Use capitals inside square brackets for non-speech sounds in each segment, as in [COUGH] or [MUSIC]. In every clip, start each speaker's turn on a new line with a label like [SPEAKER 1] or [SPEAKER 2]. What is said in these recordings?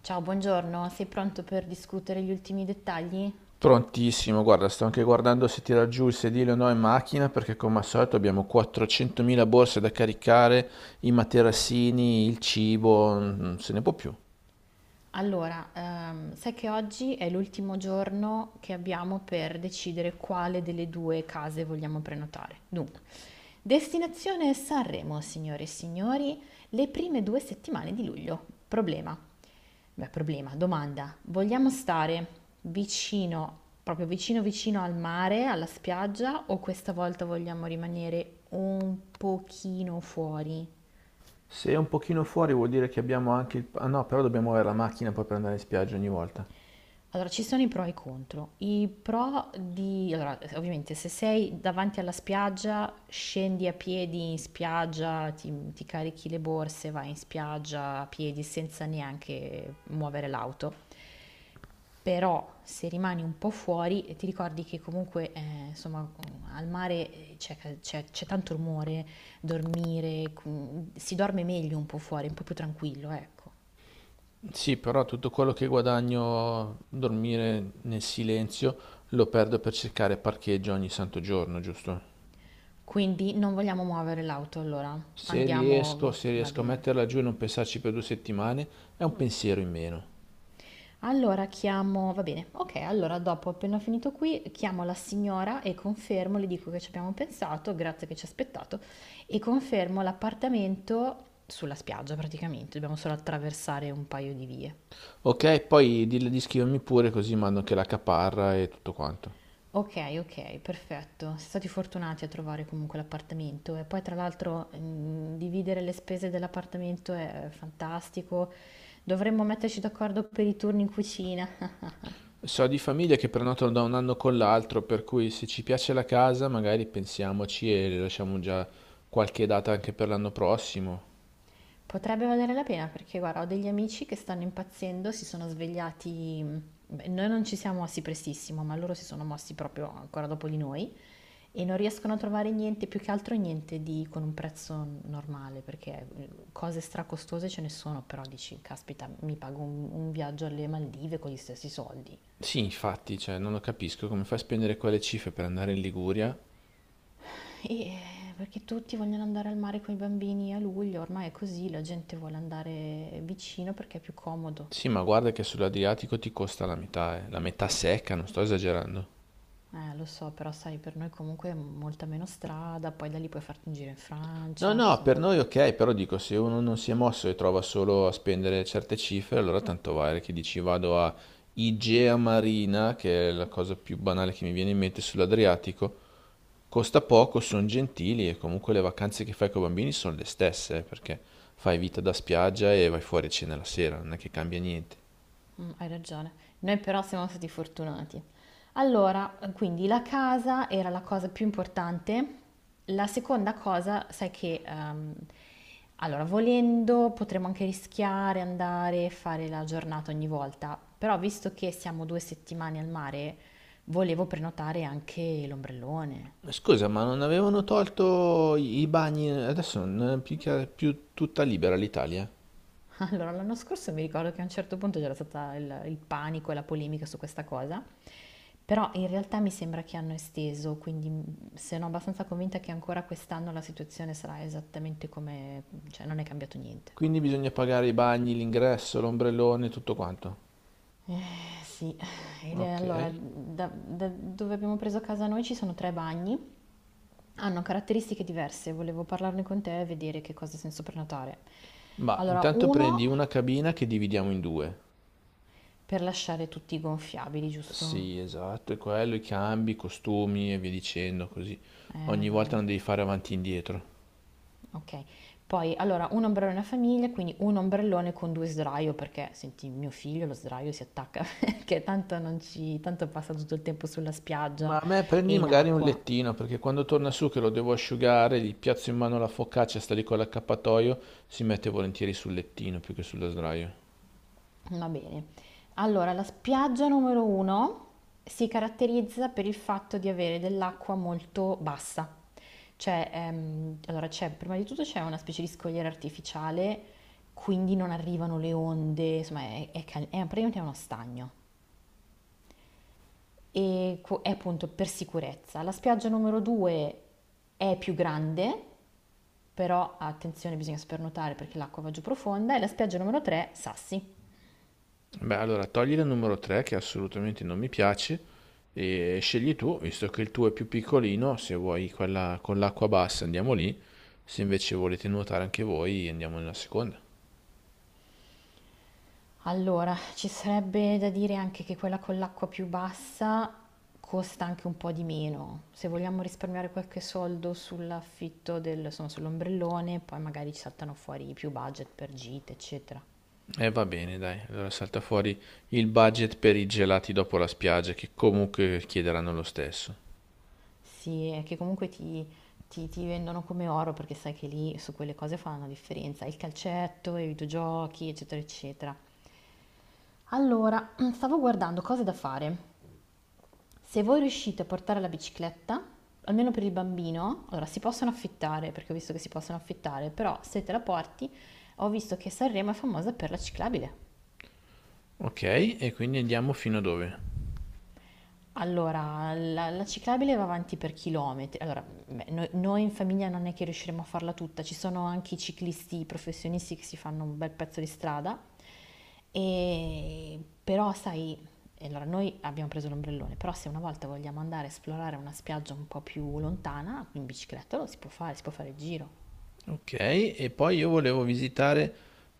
[SPEAKER 1] Ciao, buongiorno, sei pronto per discutere gli ultimi dettagli?
[SPEAKER 2] Prontissimo, guarda, sto anche guardando se tira giù il sedile o no in macchina perché come al solito abbiamo 400.000 borse da caricare, i materassini, il cibo, non se ne può più.
[SPEAKER 1] Allora, sai che oggi è l'ultimo giorno che abbiamo per decidere quale delle due case vogliamo prenotare. Dunque, destinazione Sanremo, signore e signori, le prime 2 settimane di luglio. Problema. Beh, problema, domanda. Vogliamo stare vicino, proprio vicino vicino al mare, alla spiaggia, o questa volta vogliamo rimanere un pochino fuori?
[SPEAKER 2] Se è un pochino fuori vuol dire che abbiamo anche il... Ah no, però dobbiamo avere la macchina poi per andare in spiaggia ogni volta.
[SPEAKER 1] Allora, ci sono i pro e i contro. I pro di... Allora, ovviamente se sei davanti alla spiaggia, scendi a piedi in spiaggia, ti carichi le borse, vai in spiaggia a piedi senza neanche muovere l'auto. Però se rimani un po' fuori, ti ricordi che comunque, insomma, al mare c'è tanto rumore, dormire, si dorme meglio un po' fuori, un po' più tranquillo, ecco.
[SPEAKER 2] Sì, però tutto quello che guadagno dormire nel silenzio lo perdo per cercare parcheggio ogni santo giorno, giusto?
[SPEAKER 1] Quindi non vogliamo muovere l'auto, allora
[SPEAKER 2] Se riesco,
[SPEAKER 1] andiamo,
[SPEAKER 2] se
[SPEAKER 1] va
[SPEAKER 2] riesco a
[SPEAKER 1] bene.
[SPEAKER 2] metterla giù e non pensarci per due settimane, è un pensiero in meno.
[SPEAKER 1] Allora chiamo va bene, okay, allora dopo appena ho finito qui, chiamo la signora e confermo, le dico che ci abbiamo pensato, grazie che ci ha aspettato, e confermo l'appartamento sulla spiaggia praticamente, dobbiamo solo attraversare un paio di vie.
[SPEAKER 2] Ok, poi dille di scrivermi pure così mando anche la caparra e tutto quanto.
[SPEAKER 1] Okay, okay, perfetto. Siete stati fortunati a trovare comunque l'appartamento e poi tra l'altro, dividere le spese dell'appartamento è fantastico. Dovremmo metterci d'accordo per i turni in cucina.
[SPEAKER 2] So di famiglie che prenotano da un anno con l'altro, per cui se ci piace la casa magari pensiamoci e le lasciamo già qualche data anche per l'anno prossimo.
[SPEAKER 1] Potrebbe valere la pena perché guarda, ho degli amici che stanno impazzendo, si sono svegliati, beh, noi non ci siamo mossi prestissimo, ma loro si sono mossi proprio ancora dopo di noi e non riescono a trovare niente, più che altro niente di con un prezzo normale, perché cose stracostose ce ne sono, però dici, caspita, mi pago un viaggio alle Maldive con gli stessi soldi.
[SPEAKER 2] Sì, infatti, cioè, non lo capisco come fai a spendere quelle cifre per andare in Liguria.
[SPEAKER 1] E eh, perché tutti vogliono andare al mare con i bambini a luglio, ormai è così, la gente vuole andare vicino perché è più comodo.
[SPEAKER 2] Sì, ma guarda che sull'Adriatico ti costa la metà, eh. La metà secca, non sto esagerando.
[SPEAKER 1] Lo so, però sai, per noi comunque è molta meno strada, poi da lì puoi farti un giro in
[SPEAKER 2] No,
[SPEAKER 1] Francia,
[SPEAKER 2] no, per
[SPEAKER 1] insomma.
[SPEAKER 2] noi ok, però dico, se uno non si è mosso e trova solo a spendere certe cifre, allora tanto vale che dici vado a Igea Marina, che è la cosa più banale che mi viene in mente sull'Adriatico, costa poco, sono gentili e comunque le vacanze che fai con i bambini sono le stesse, perché fai vita da spiaggia e vai fuori a cena la sera, non è che cambia niente.
[SPEAKER 1] Mm, hai ragione. Noi però siamo stati fortunati. Allora, quindi la casa era la cosa più importante. La seconda cosa, sai che, allora, volendo potremmo anche rischiare andare a fare la giornata ogni volta, però visto che siamo 2 settimane al mare, volevo prenotare anche l'ombrellone.
[SPEAKER 2] Scusa, ma non avevano tolto i bagni, adesso non è più, più tutta libera l'Italia?
[SPEAKER 1] Allora, l'anno scorso mi ricordo che a un certo punto c'era stata il panico e la polemica su questa cosa, però in realtà mi sembra che hanno esteso, quindi sono abbastanza convinta che ancora quest'anno la situazione sarà esattamente come, cioè non è cambiato niente.
[SPEAKER 2] Quindi bisogna pagare i bagni, l'ingresso, l'ombrellone, tutto quanto.
[SPEAKER 1] Sì.
[SPEAKER 2] Ok,
[SPEAKER 1] Allora, da dove abbiamo preso casa noi ci sono tre bagni, hanno caratteristiche diverse, volevo parlarne con te e vedere che cosa senso prenotare.
[SPEAKER 2] ma
[SPEAKER 1] Allora,
[SPEAKER 2] intanto
[SPEAKER 1] uno
[SPEAKER 2] prendi una cabina che dividiamo in due.
[SPEAKER 1] per lasciare tutti gonfiabili, giusto?
[SPEAKER 2] Sì, esatto, è quello, i cambi, i costumi e via dicendo, così ogni volta
[SPEAKER 1] Dai.
[SPEAKER 2] non devi fare avanti e indietro.
[SPEAKER 1] Okay. Poi allora 1 ombrellone a famiglia, quindi 1 ombrellone con 2 sdraio perché senti mio figlio lo sdraio si attacca [LAUGHS] perché tanto non ci tanto passa tutto il tempo sulla
[SPEAKER 2] Ma
[SPEAKER 1] spiaggia
[SPEAKER 2] a me prendi
[SPEAKER 1] e in
[SPEAKER 2] magari un
[SPEAKER 1] acqua.
[SPEAKER 2] lettino, perché quando torna su che lo devo asciugare, gli piazzo in mano la focaccia, sta lì con l'accappatoio, si mette volentieri sul lettino più che sullo sdraio.
[SPEAKER 1] Va bene. Allora la spiaggia numero 1 si caratterizza per il fatto di avere dell'acqua molto bassa. Cioè, allora c'è prima di tutto c'è una specie di scogliera artificiale, quindi non arrivano le onde, insomma è praticamente uno stagno. E appunto per sicurezza. La spiaggia numero 2 è più grande, però attenzione, bisogna spernotare perché l'acqua va giù profonda. E la spiaggia numero 3, sassi.
[SPEAKER 2] Beh, allora togli la numero 3 che assolutamente non mi piace e scegli tu, visto che il tuo è più piccolino, se vuoi quella con l'acqua bassa andiamo lì, se invece volete nuotare anche voi andiamo nella seconda.
[SPEAKER 1] Allora, ci sarebbe da dire anche che quella con l'acqua più bassa costa anche un po' di meno. Se vogliamo risparmiare qualche soldo sull'affitto del, insomma, sull'ombrellone, poi magari ci saltano fuori più budget per gite, eccetera.
[SPEAKER 2] E va bene, dai, allora salta fuori il budget per i gelati dopo la spiaggia che comunque chiederanno lo stesso.
[SPEAKER 1] Sì, è che comunque ti vendono come oro perché sai che lì su quelle cose fanno la differenza, il calcetto, i videogiochi, eccetera, eccetera. Allora, [CLEARS THROAT] stavo guardando cose da fare. Se voi riuscite a portare la bicicletta, almeno per il bambino, allora si possono affittare, perché ho visto che si possono affittare, però se te la porti, ho visto che Sanremo è famosa per la ciclabile.
[SPEAKER 2] Ok, e quindi andiamo fino a dove?
[SPEAKER 1] Allora, la ciclabile va avanti per chilometri. Allora, beh, noi in famiglia non è che riusciremo a farla tutta, ci sono anche i ciclisti professionisti che si fanno un bel pezzo di strada, e, però sai, e allora noi abbiamo preso l'ombrellone, però se una volta vogliamo andare a esplorare una spiaggia un po' più lontana, in bicicletta lo si può fare il giro.
[SPEAKER 2] Ok, e poi io volevo visitare,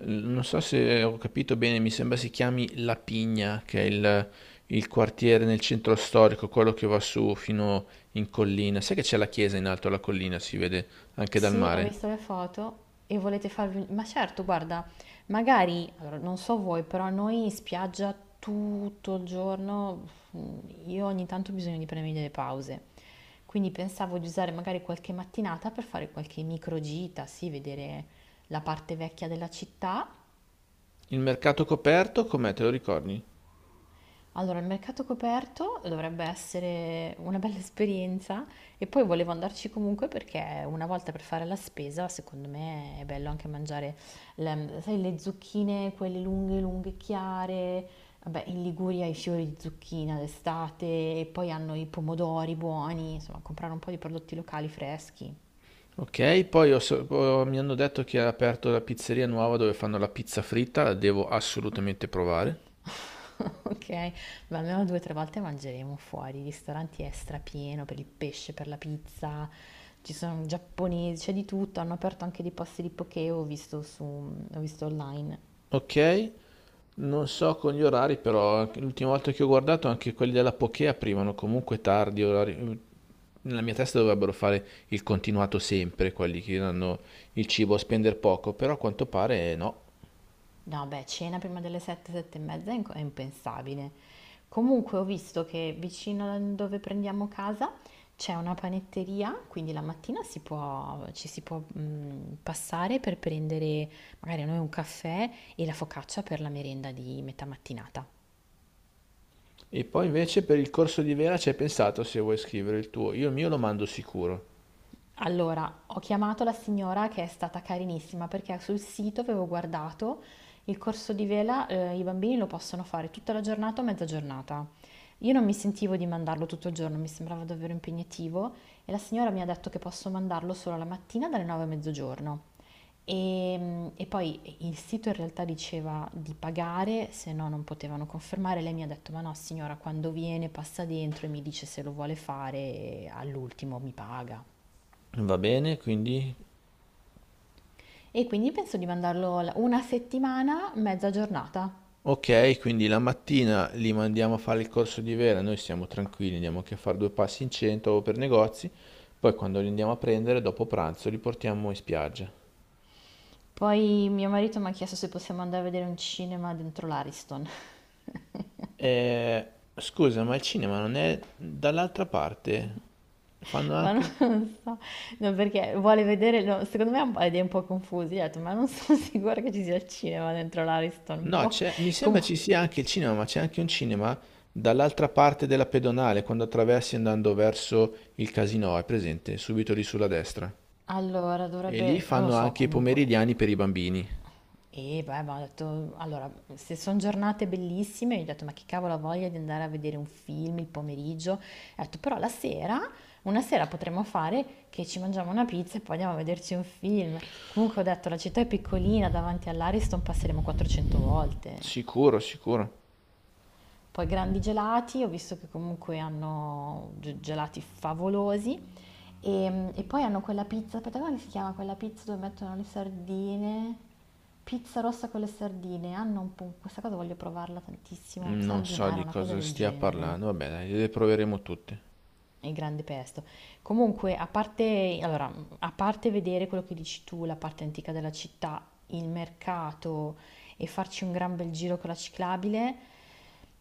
[SPEAKER 2] non so se ho capito bene, mi sembra si chiami La Pigna, che è il quartiere nel centro storico, quello che va su fino in collina. Sai che c'è la chiesa in alto alla collina, si vede anche dal
[SPEAKER 1] Sì, ho
[SPEAKER 2] mare.
[SPEAKER 1] visto le foto e volete farvi... Ma certo, guarda, magari, allora, non so voi, però noi in spiaggia tutto il giorno, mm, io ogni tanto ho bisogno di prendermi delle pause. Quindi pensavo di usare magari qualche mattinata per fare qualche microgita, sì, vedere la parte vecchia della città.
[SPEAKER 2] Il mercato coperto, com'è, te lo ricordi?
[SPEAKER 1] Allora, il mercato coperto dovrebbe essere una bella esperienza e poi volevo andarci comunque perché una volta per fare la spesa, secondo me è bello anche mangiare, le, sai, le zucchine, quelle lunghe, lunghe, chiare. Vabbè, in Liguria i fiori di zucchina d'estate e poi hanno i pomodori buoni, insomma, comprare un po' di prodotti locali freschi.
[SPEAKER 2] Ok, poi mi hanno detto che ha aperto la pizzeria nuova dove fanno la pizza fritta, la devo assolutamente provare.
[SPEAKER 1] [LAUGHS] Okay, ma almeno 2, 3 volte mangeremo fuori, i ristoranti è strapieno per il pesce, per la pizza, ci sono giapponesi, c'è di tutto, hanno aperto anche dei posti di poké, ho visto online.
[SPEAKER 2] Ok, non so con gli orari, però l'ultima volta che ho guardato anche quelli della Poké aprivano comunque tardi orari. Nella mia testa dovrebbero fare il continuato sempre, quelli che danno il cibo a spendere poco, però a quanto pare no.
[SPEAKER 1] No beh, cena prima delle 7, 7 e mezza è impensabile. Comunque ho visto che vicino a dove prendiamo casa c'è una panetteria, quindi la mattina si può ci si può, passare per prendere magari noi un caffè e la focaccia per la merenda di metà mattinata.
[SPEAKER 2] E poi invece per il corso di Vera ci hai pensato se vuoi scrivere il tuo. Io il mio lo mando sicuro.
[SPEAKER 1] Allora, ho chiamato la signora che è stata carinissima perché sul sito avevo guardato il corso di vela, i bambini lo possono fare tutta la giornata o mezza giornata. Io non mi sentivo di mandarlo tutto il giorno, mi sembrava davvero impegnativo e la signora mi ha detto che posso mandarlo solo la mattina dalle 9 a mezzogiorno. E poi il sito in realtà diceva di pagare, se no non potevano confermare. Lei mi ha detto: Ma no, signora, quando viene passa dentro e mi dice se lo vuole fare, e all'ultimo mi paga.
[SPEAKER 2] Va bene, quindi...
[SPEAKER 1] E quindi penso di mandarlo una settimana, mezza giornata.
[SPEAKER 2] Ok, quindi la mattina li mandiamo a fare il corso di Vera, noi siamo tranquilli, andiamo anche a fare due passi in centro o per negozi, poi quando li andiamo a prendere dopo pranzo li portiamo in spiaggia.
[SPEAKER 1] Poi mio marito mi ha chiesto se possiamo andare a vedere un cinema dentro l'Ariston,
[SPEAKER 2] Eh, scusa, ma il cinema non è dall'altra parte? Fanno
[SPEAKER 1] [LAUGHS] ma non
[SPEAKER 2] anche...
[SPEAKER 1] so, no, perché vuole vedere, no, secondo me ha un po' idee un po' confuse, gli ho detto, ma non sono [LAUGHS] sicura che ci sia il cinema dentro l'Ariston.
[SPEAKER 2] No,
[SPEAKER 1] Boh.
[SPEAKER 2] c'è... mi sembra
[SPEAKER 1] Comu-
[SPEAKER 2] ci sia anche il cinema, ma c'è anche un cinema dall'altra parte della pedonale, quando attraversi andando verso il casino, è presente, subito lì sulla destra.
[SPEAKER 1] allora,
[SPEAKER 2] E lì
[SPEAKER 1] dovrebbe, non lo
[SPEAKER 2] fanno
[SPEAKER 1] so,
[SPEAKER 2] anche i
[SPEAKER 1] comunque.
[SPEAKER 2] pomeridiani per i bambini.
[SPEAKER 1] E beh, ma ho detto, allora, se sono giornate bellissime, gli ho detto, ma che cavolo ha voglia di andare a vedere un film il pomeriggio? Ho detto, però la sera, una sera potremmo fare che ci mangiamo una pizza e poi andiamo a vederci un film. Comunque ho detto, la città è piccolina, davanti all'Ariston passeremo 400 volte.
[SPEAKER 2] Sicuro, sicuro.
[SPEAKER 1] Poi grandi gelati, ho visto che comunque hanno gelati favolosi e, poi hanno quella pizza, aspetta, come si chiama quella pizza dove mettono le sardine? Pizza rossa con le sardine. Hanno un po', questa cosa voglio provarla tantissimo.
[SPEAKER 2] Non so
[SPEAKER 1] Sardinara,
[SPEAKER 2] di
[SPEAKER 1] una cosa
[SPEAKER 2] cosa
[SPEAKER 1] del
[SPEAKER 2] stia
[SPEAKER 1] genere.
[SPEAKER 2] parlando, vabbè, dai, le proveremo tutte.
[SPEAKER 1] Il grande pesto. Comunque, a parte, allora, a parte vedere quello che dici tu, la parte antica della città, il mercato e farci un gran bel giro con la ciclabile,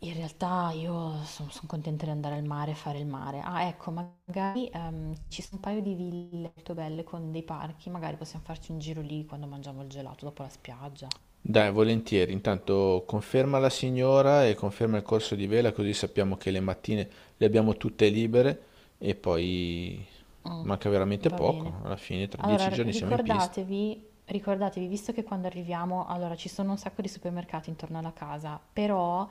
[SPEAKER 1] in realtà io sono contenta di andare al mare e fare il mare. Ah, ecco, magari ci sono un paio di ville molto belle con dei parchi, magari possiamo farci un giro lì quando mangiamo il gelato dopo la spiaggia.
[SPEAKER 2] Dai, volentieri. Intanto conferma la signora e conferma il corso di vela, così sappiamo che le mattine le abbiamo tutte libere e poi
[SPEAKER 1] Mh,
[SPEAKER 2] manca veramente
[SPEAKER 1] va bene.
[SPEAKER 2] poco. Alla fine, tra
[SPEAKER 1] Allora
[SPEAKER 2] dieci
[SPEAKER 1] r
[SPEAKER 2] giorni siamo in pista.
[SPEAKER 1] ricordatevi ricordatevi, visto che quando arriviamo allora ci sono un sacco di supermercati intorno alla casa, però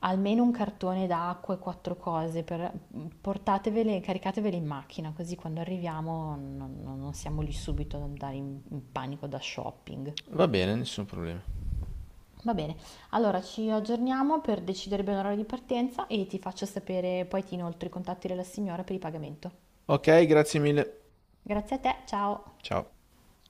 [SPEAKER 1] almeno un cartone d'acqua e 4 cose per portatevele caricatevele in macchina, così quando arriviamo non siamo lì subito ad andare in panico da shopping.
[SPEAKER 2] Va bene, nessun problema.
[SPEAKER 1] Va bene, allora ci aggiorniamo per decidere bene l'orario di partenza e ti faccio sapere poi ti inoltro i contatti della signora per il pagamento.
[SPEAKER 2] Ok, grazie mille.
[SPEAKER 1] Grazie a te, ciao.
[SPEAKER 2] Ciao.